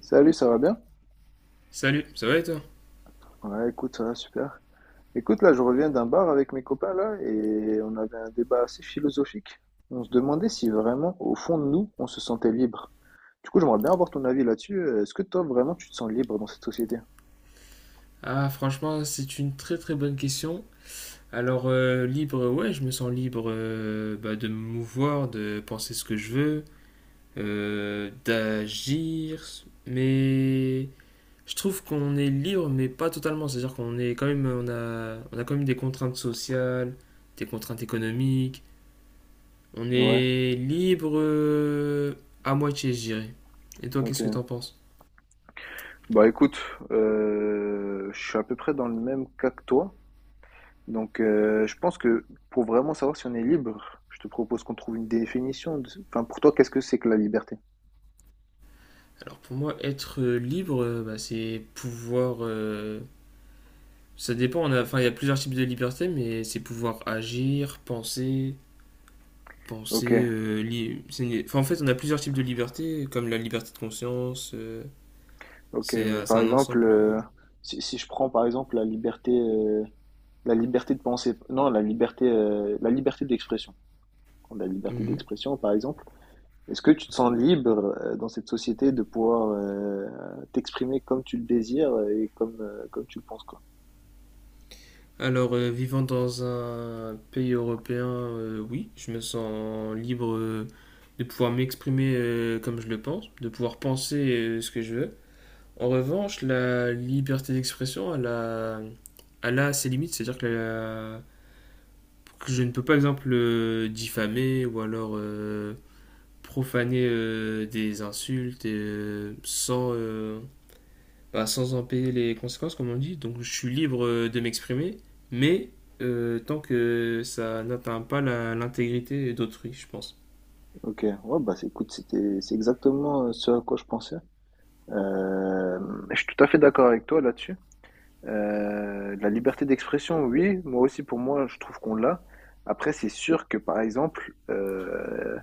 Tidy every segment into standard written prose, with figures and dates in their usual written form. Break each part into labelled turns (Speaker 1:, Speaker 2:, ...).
Speaker 1: Salut, ça va bien?
Speaker 2: Salut, ça va et toi?
Speaker 1: Ouais, écoute, ça va super. Écoute, là, je reviens d'un bar avec mes copains, là, et on avait un débat assez philosophique. On se demandait si vraiment, au fond de nous, on se sentait libre. Du coup, j'aimerais bien avoir ton avis là-dessus. Est-ce que toi, vraiment, tu te sens libre dans cette société?
Speaker 2: Ah, franchement, c'est une très très bonne question. Alors, libre, ouais, je me sens libre, bah, de me mouvoir, de penser ce que je veux, d'agir, mais je trouve qu'on est libre, mais pas totalement. C'est-à-dire qu'on est quand même, on a quand même des contraintes sociales, des contraintes économiques. On
Speaker 1: Ouais,
Speaker 2: est libre à moitié, je dirais. Et toi,
Speaker 1: ok.
Speaker 2: qu'est-ce que t'en penses?
Speaker 1: Bah écoute, je suis à peu près dans le même cas que toi. Donc, je pense que pour vraiment savoir si on est libre, je te propose qu'on trouve une définition. Enfin, pour toi, qu'est-ce que c'est que la liberté?
Speaker 2: Alors, pour moi, être libre, bah, c'est pouvoir. Ça dépend, il y a plusieurs types de liberté, mais c'est pouvoir agir,
Speaker 1: Ok.
Speaker 2: en fait, on a plusieurs types de liberté, comme la liberté de conscience,
Speaker 1: Ok,
Speaker 2: c'est
Speaker 1: mais
Speaker 2: un c'est
Speaker 1: par
Speaker 2: un
Speaker 1: exemple,
Speaker 2: ensemble.
Speaker 1: si je prends par exemple la liberté de penser, non, la liberté d'expression. Quand La liberté
Speaker 2: Mhm.
Speaker 1: d'expression, par exemple, est-ce que tu te sens libre dans cette société de pouvoir t'exprimer comme tu le désires et comme, comme tu le penses, quoi?
Speaker 2: Alors, vivant dans un pays européen, oui, je me sens libre de pouvoir m'exprimer comme je le pense, de pouvoir penser ce que je veux. En revanche, la liberté d'expression, elle a ses limites, que je ne peux pas, exemple, diffamer ou alors profaner des insultes et, sans, sans en payer les conséquences, comme on dit. Donc je suis libre de m'exprimer, mais tant que ça n'atteint pas l'intégrité d'autrui, je pense.
Speaker 1: Ok, ouais, écoute, c'est exactement ce à quoi je pensais. Euh, je suis tout à fait d'accord avec toi là-dessus. La liberté d'expression, oui, moi aussi, pour moi, je trouve qu'on l'a. Après, c'est sûr que, par exemple,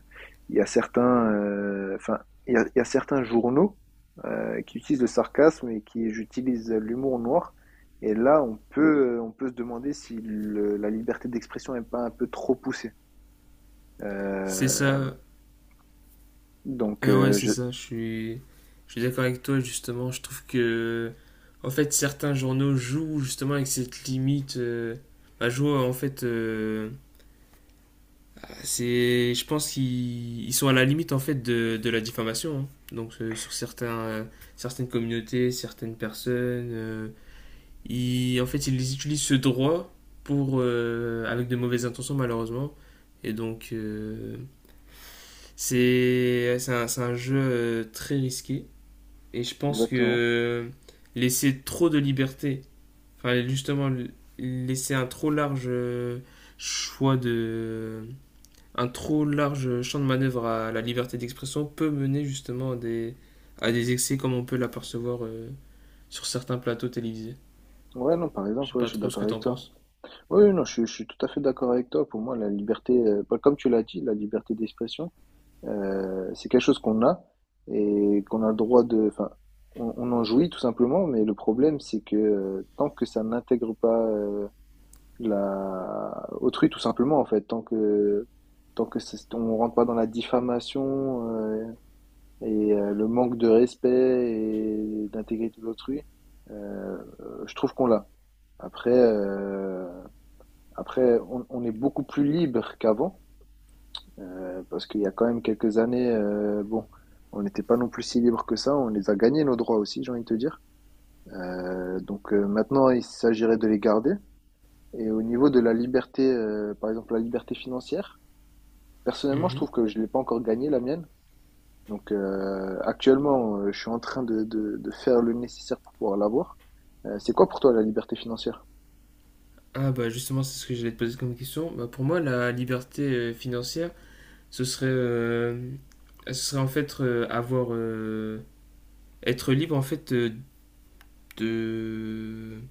Speaker 1: il y a certains, enfin, il y a certains journaux qui utilisent le sarcasme et qui utilisent l'humour noir. Et là, on peut se demander si la liberté d'expression n'est pas un peu trop poussée.
Speaker 2: C'est
Speaker 1: Euh,
Speaker 2: ça.
Speaker 1: donc,
Speaker 2: Ouais,
Speaker 1: euh,
Speaker 2: c'est
Speaker 1: je,
Speaker 2: ça. Je suis d'accord avec toi, justement. Je trouve que, en fait, certains journaux jouent justement avec cette limite, jouent, en fait. C'est, je pense qu'ils ils sont à la limite en fait de la diffamation, hein. Donc sur certaines communautés, certaines personnes, en fait ils utilisent ce droit pour avec de mauvaises intentions, malheureusement. Et donc c'est un jeu très risqué. Et je pense
Speaker 1: exactement.
Speaker 2: que laisser trop de liberté, enfin justement laisser un trop large choix de un trop large champ de manœuvre à la liberté d'expression peut mener justement à des excès comme on peut l'apercevoir sur certains plateaux télévisés.
Speaker 1: Ouais, non, par
Speaker 2: Je
Speaker 1: exemple,
Speaker 2: sais
Speaker 1: ouais,
Speaker 2: pas
Speaker 1: je suis
Speaker 2: trop ce
Speaker 1: d'accord
Speaker 2: que
Speaker 1: avec
Speaker 2: t'en
Speaker 1: toi.
Speaker 2: penses.
Speaker 1: Oui, non, je suis tout à fait d'accord avec toi. Pour moi, la liberté, bah, comme tu l'as dit, la liberté d'expression, c'est quelque chose qu'on a et qu'on a le droit de, enfin, on en jouit tout simplement. Mais le problème, c'est que tant que ça n'intègre pas la autrui, tout simplement, en fait, tant que on rentre pas dans la diffamation et le manque de respect et d'intégrité d'autrui, je trouve qu'on l'a. Après. euh, après, on est beaucoup plus libre qu'avant, parce qu'il y a quand même quelques années, bon, on n'était pas non plus si libre que ça. On les a gagnés nos droits aussi, j'ai envie de te dire. Maintenant, il s'agirait de les garder. Et au niveau de la liberté, par exemple la liberté financière, personnellement, je
Speaker 2: Mhm.
Speaker 1: trouve que je l'ai pas encore gagnée la mienne. Donc actuellement, je suis en train de faire le nécessaire pour pouvoir l'avoir. C'est quoi pour toi la liberté financière?
Speaker 2: Ah bah justement, c'est ce que j'allais te poser comme question. Bah pour moi, la liberté financière, ce serait, euh, ce serait en fait être libre en fait de,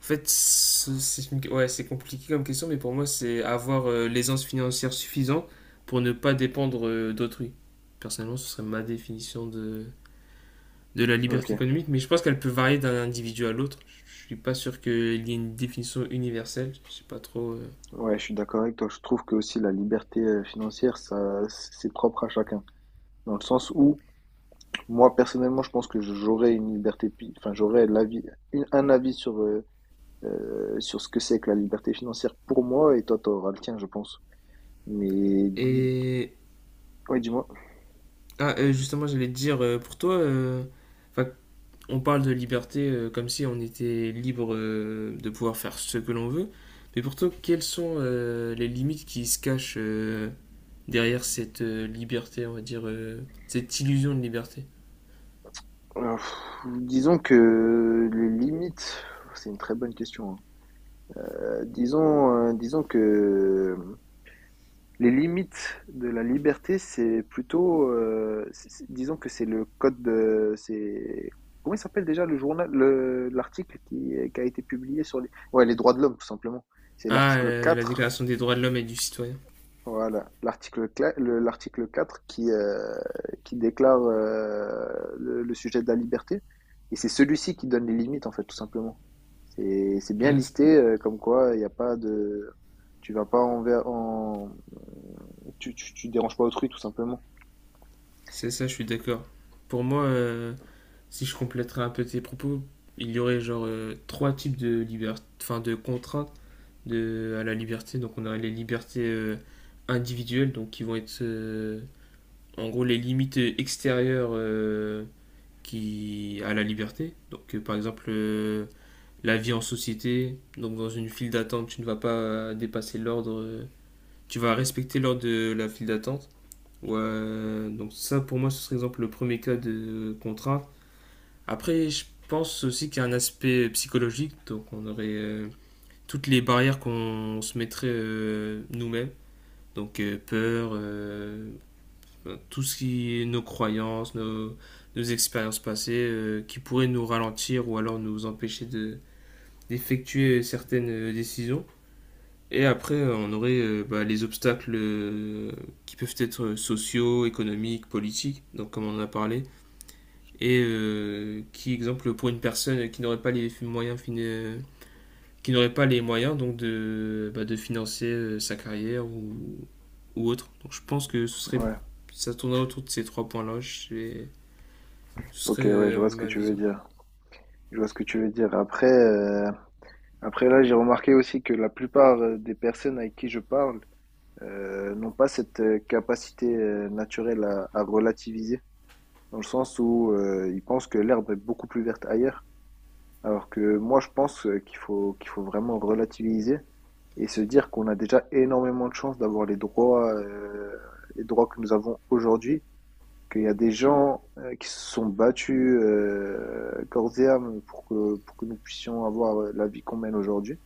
Speaker 2: En fait, ouais, c'est compliqué comme question, mais pour moi, c'est avoir l'aisance financière suffisante pour ne pas dépendre d'autrui. Personnellement, ce serait ma définition de la
Speaker 1: Ok.
Speaker 2: liberté économique, mais je pense qu'elle peut varier d'un individu à l'autre. Je suis pas sûr qu'il y ait une définition universelle. Je sais pas trop.
Speaker 1: Ouais, je suis d'accord avec toi. Je trouve que aussi la liberté financière, ça, c'est propre à chacun. Dans le sens où, moi personnellement, je pense que j'aurais une liberté, enfin, j'aurais l'avis, un avis sur, sur ce que c'est que la liberté financière pour moi, et toi, t'auras le tien, je pense. Mais,
Speaker 2: Et
Speaker 1: ouais, dis-moi.
Speaker 2: justement, j'allais te dire, enfin, On parle de liberté comme si on était libre de pouvoir faire ce que l'on veut, mais pourtant, quelles sont les limites qui se cachent derrière cette liberté, on va dire, cette illusion de liberté.
Speaker 1: Euh, pff, disons que les limites, c'est une très bonne question, hein. Disons que les limites de la liberté, c'est plutôt, c'est disons que c'est le code, c'est comment il s'appelle déjà le journal le l'article qui a été publié sur les ouais, les droits de l'homme, tout simplement. C'est
Speaker 2: Ah,
Speaker 1: l'article
Speaker 2: la
Speaker 1: 4.
Speaker 2: Déclaration des droits de l'homme et du citoyen.
Speaker 1: Voilà, l'article 4 qui déclare le sujet de la liberté, et c'est celui-ci qui donne les limites, en fait, tout simplement. C'est bien
Speaker 2: Ah,
Speaker 1: listé, comme quoi il n'y a pas de... Tu vas pas envers... En... tu déranges pas autrui, tout simplement.
Speaker 2: c'est ça, je suis d'accord. Pour moi, si je compléterais un peu tes propos, il y aurait genre trois types de liberté, enfin de contraintes de, à la liberté. Donc on aurait les libertés individuelles, donc qui vont être en gros les limites extérieures qui à la liberté. Donc par exemple la vie en société, donc dans une file d'attente, tu ne vas pas dépasser l'ordre, tu vas respecter l'ordre de la file d'attente. Ouais, donc ça pour moi ce serait exemple le premier cas de contrainte. Après je pense aussi qu'il y a un aspect psychologique, donc on aurait toutes les barrières qu'on se mettrait nous-mêmes, donc tout ce qui est nos croyances, nos, nos expériences passées, qui pourraient nous ralentir ou alors nous empêcher de, d'effectuer certaines décisions. Et après, on aurait bah, les obstacles qui peuvent être sociaux, économiques, politiques, donc comme on en a parlé, et qui, exemple, pour une personne qui n'aurait pas les qui n'aurait pas les moyens donc de, bah, de financer sa carrière ou autre. Donc je pense que ce serait,
Speaker 1: Ouais,
Speaker 2: ça tournerait autour de ces trois points-là. Ce serait
Speaker 1: ok, ouais, je vois ce que
Speaker 2: ma
Speaker 1: tu veux
Speaker 2: vision.
Speaker 1: dire. Je vois ce que tu veux dire. Après, après là, j'ai remarqué aussi que la plupart des personnes avec qui je parle n'ont pas cette capacité naturelle à relativiser. Dans le sens où ils pensent que l'herbe est beaucoup plus verte ailleurs, alors que moi je pense qu'il faut vraiment relativiser et se dire qu'on a déjà énormément de chance d'avoir les droits que nous avons aujourd'hui, qu'il y a des gens qui se sont battus corps et âme pour que nous puissions avoir la vie qu'on mène aujourd'hui.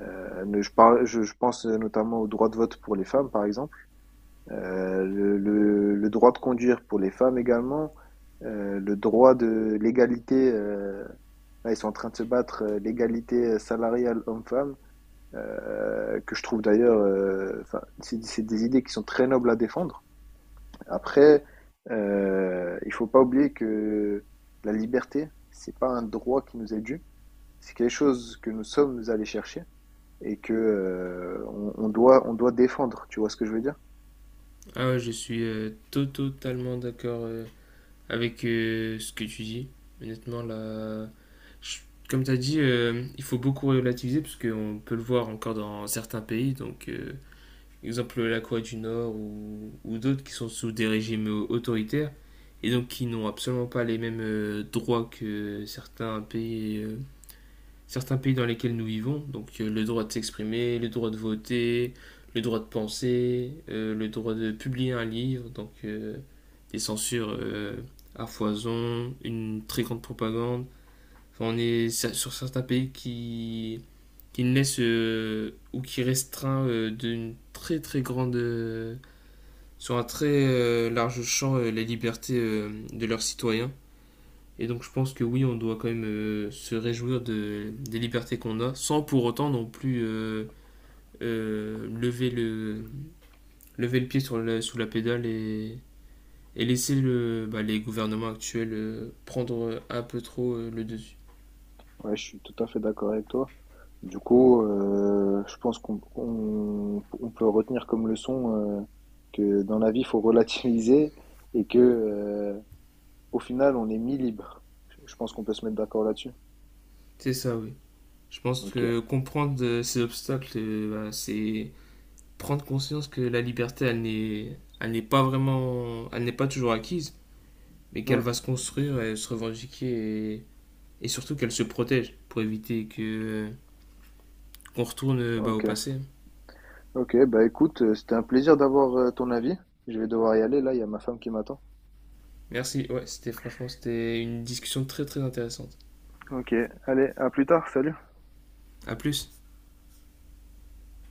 Speaker 1: Je pense notamment au droit de vote pour les femmes, par exemple. Le droit de conduire pour les femmes également, le droit de l'égalité, là ils sont en train de se battre, l'égalité salariale homme-femme, que je trouve d'ailleurs, enfin, c'est des idées qui sont très nobles à défendre. Après, il faut pas oublier que la liberté, c'est pas un droit qui nous est dû, c'est quelque chose que nous sommes allés chercher et que on doit défendre, tu vois ce que je veux dire?
Speaker 2: Ah ouais, je suis totalement d'accord avec ce que tu dis. Honnêtement, là, je- comme tu as dit, il faut beaucoup relativiser parce qu'on peut le voir encore dans certains pays. Donc, exemple la Corée du Nord ou d'autres qui sont sous des régimes autoritaires et donc qui n'ont absolument pas les mêmes droits que certains pays dans lesquels nous vivons, donc le droit de s'exprimer, le droit de voter, le droit de penser, le droit de publier un livre, donc des censures à foison, une très grande propagande. Enfin, on est sur certains pays qui ne laissent ou qui restreint d'une très très grande, sur un très large champ, les libertés de leurs citoyens. Et donc je pense que oui, on doit quand même se réjouir de, des libertés qu'on a, sans pour autant non plus euh, lever, le, lever le pied sur la, sous la pédale et laisser le, bah, les gouvernements actuels prendre un peu trop le dessus.
Speaker 1: Ouais, je suis tout à fait d'accord avec toi. Du coup, je pense on peut retenir comme leçon euh, que dans la vie, il faut relativiser et que au final, on est mi-libre. Je pense qu'on peut se mettre d'accord là-dessus.
Speaker 2: C'est ça, oui. Je pense
Speaker 1: Ok.
Speaker 2: que comprendre ces obstacles, bah, c'est prendre conscience que la liberté, elle n'est pas vraiment, elle n'est pas toujours acquise, mais qu'elle
Speaker 1: Hmm.
Speaker 2: va se construire et se revendiquer. Et surtout qu'elle se protège pour éviter que euh, qu'on retourne bah, au
Speaker 1: Ok.
Speaker 2: passé.
Speaker 1: Ok. Bah écoute, c'était un plaisir d'avoir ton avis. Je vais devoir y aller là. Il y a ma femme qui m'attend.
Speaker 2: Merci, ouais, c'était franchement c'était une discussion très très intéressante.
Speaker 1: Ok. Allez, à plus tard. Salut.
Speaker 2: À plus.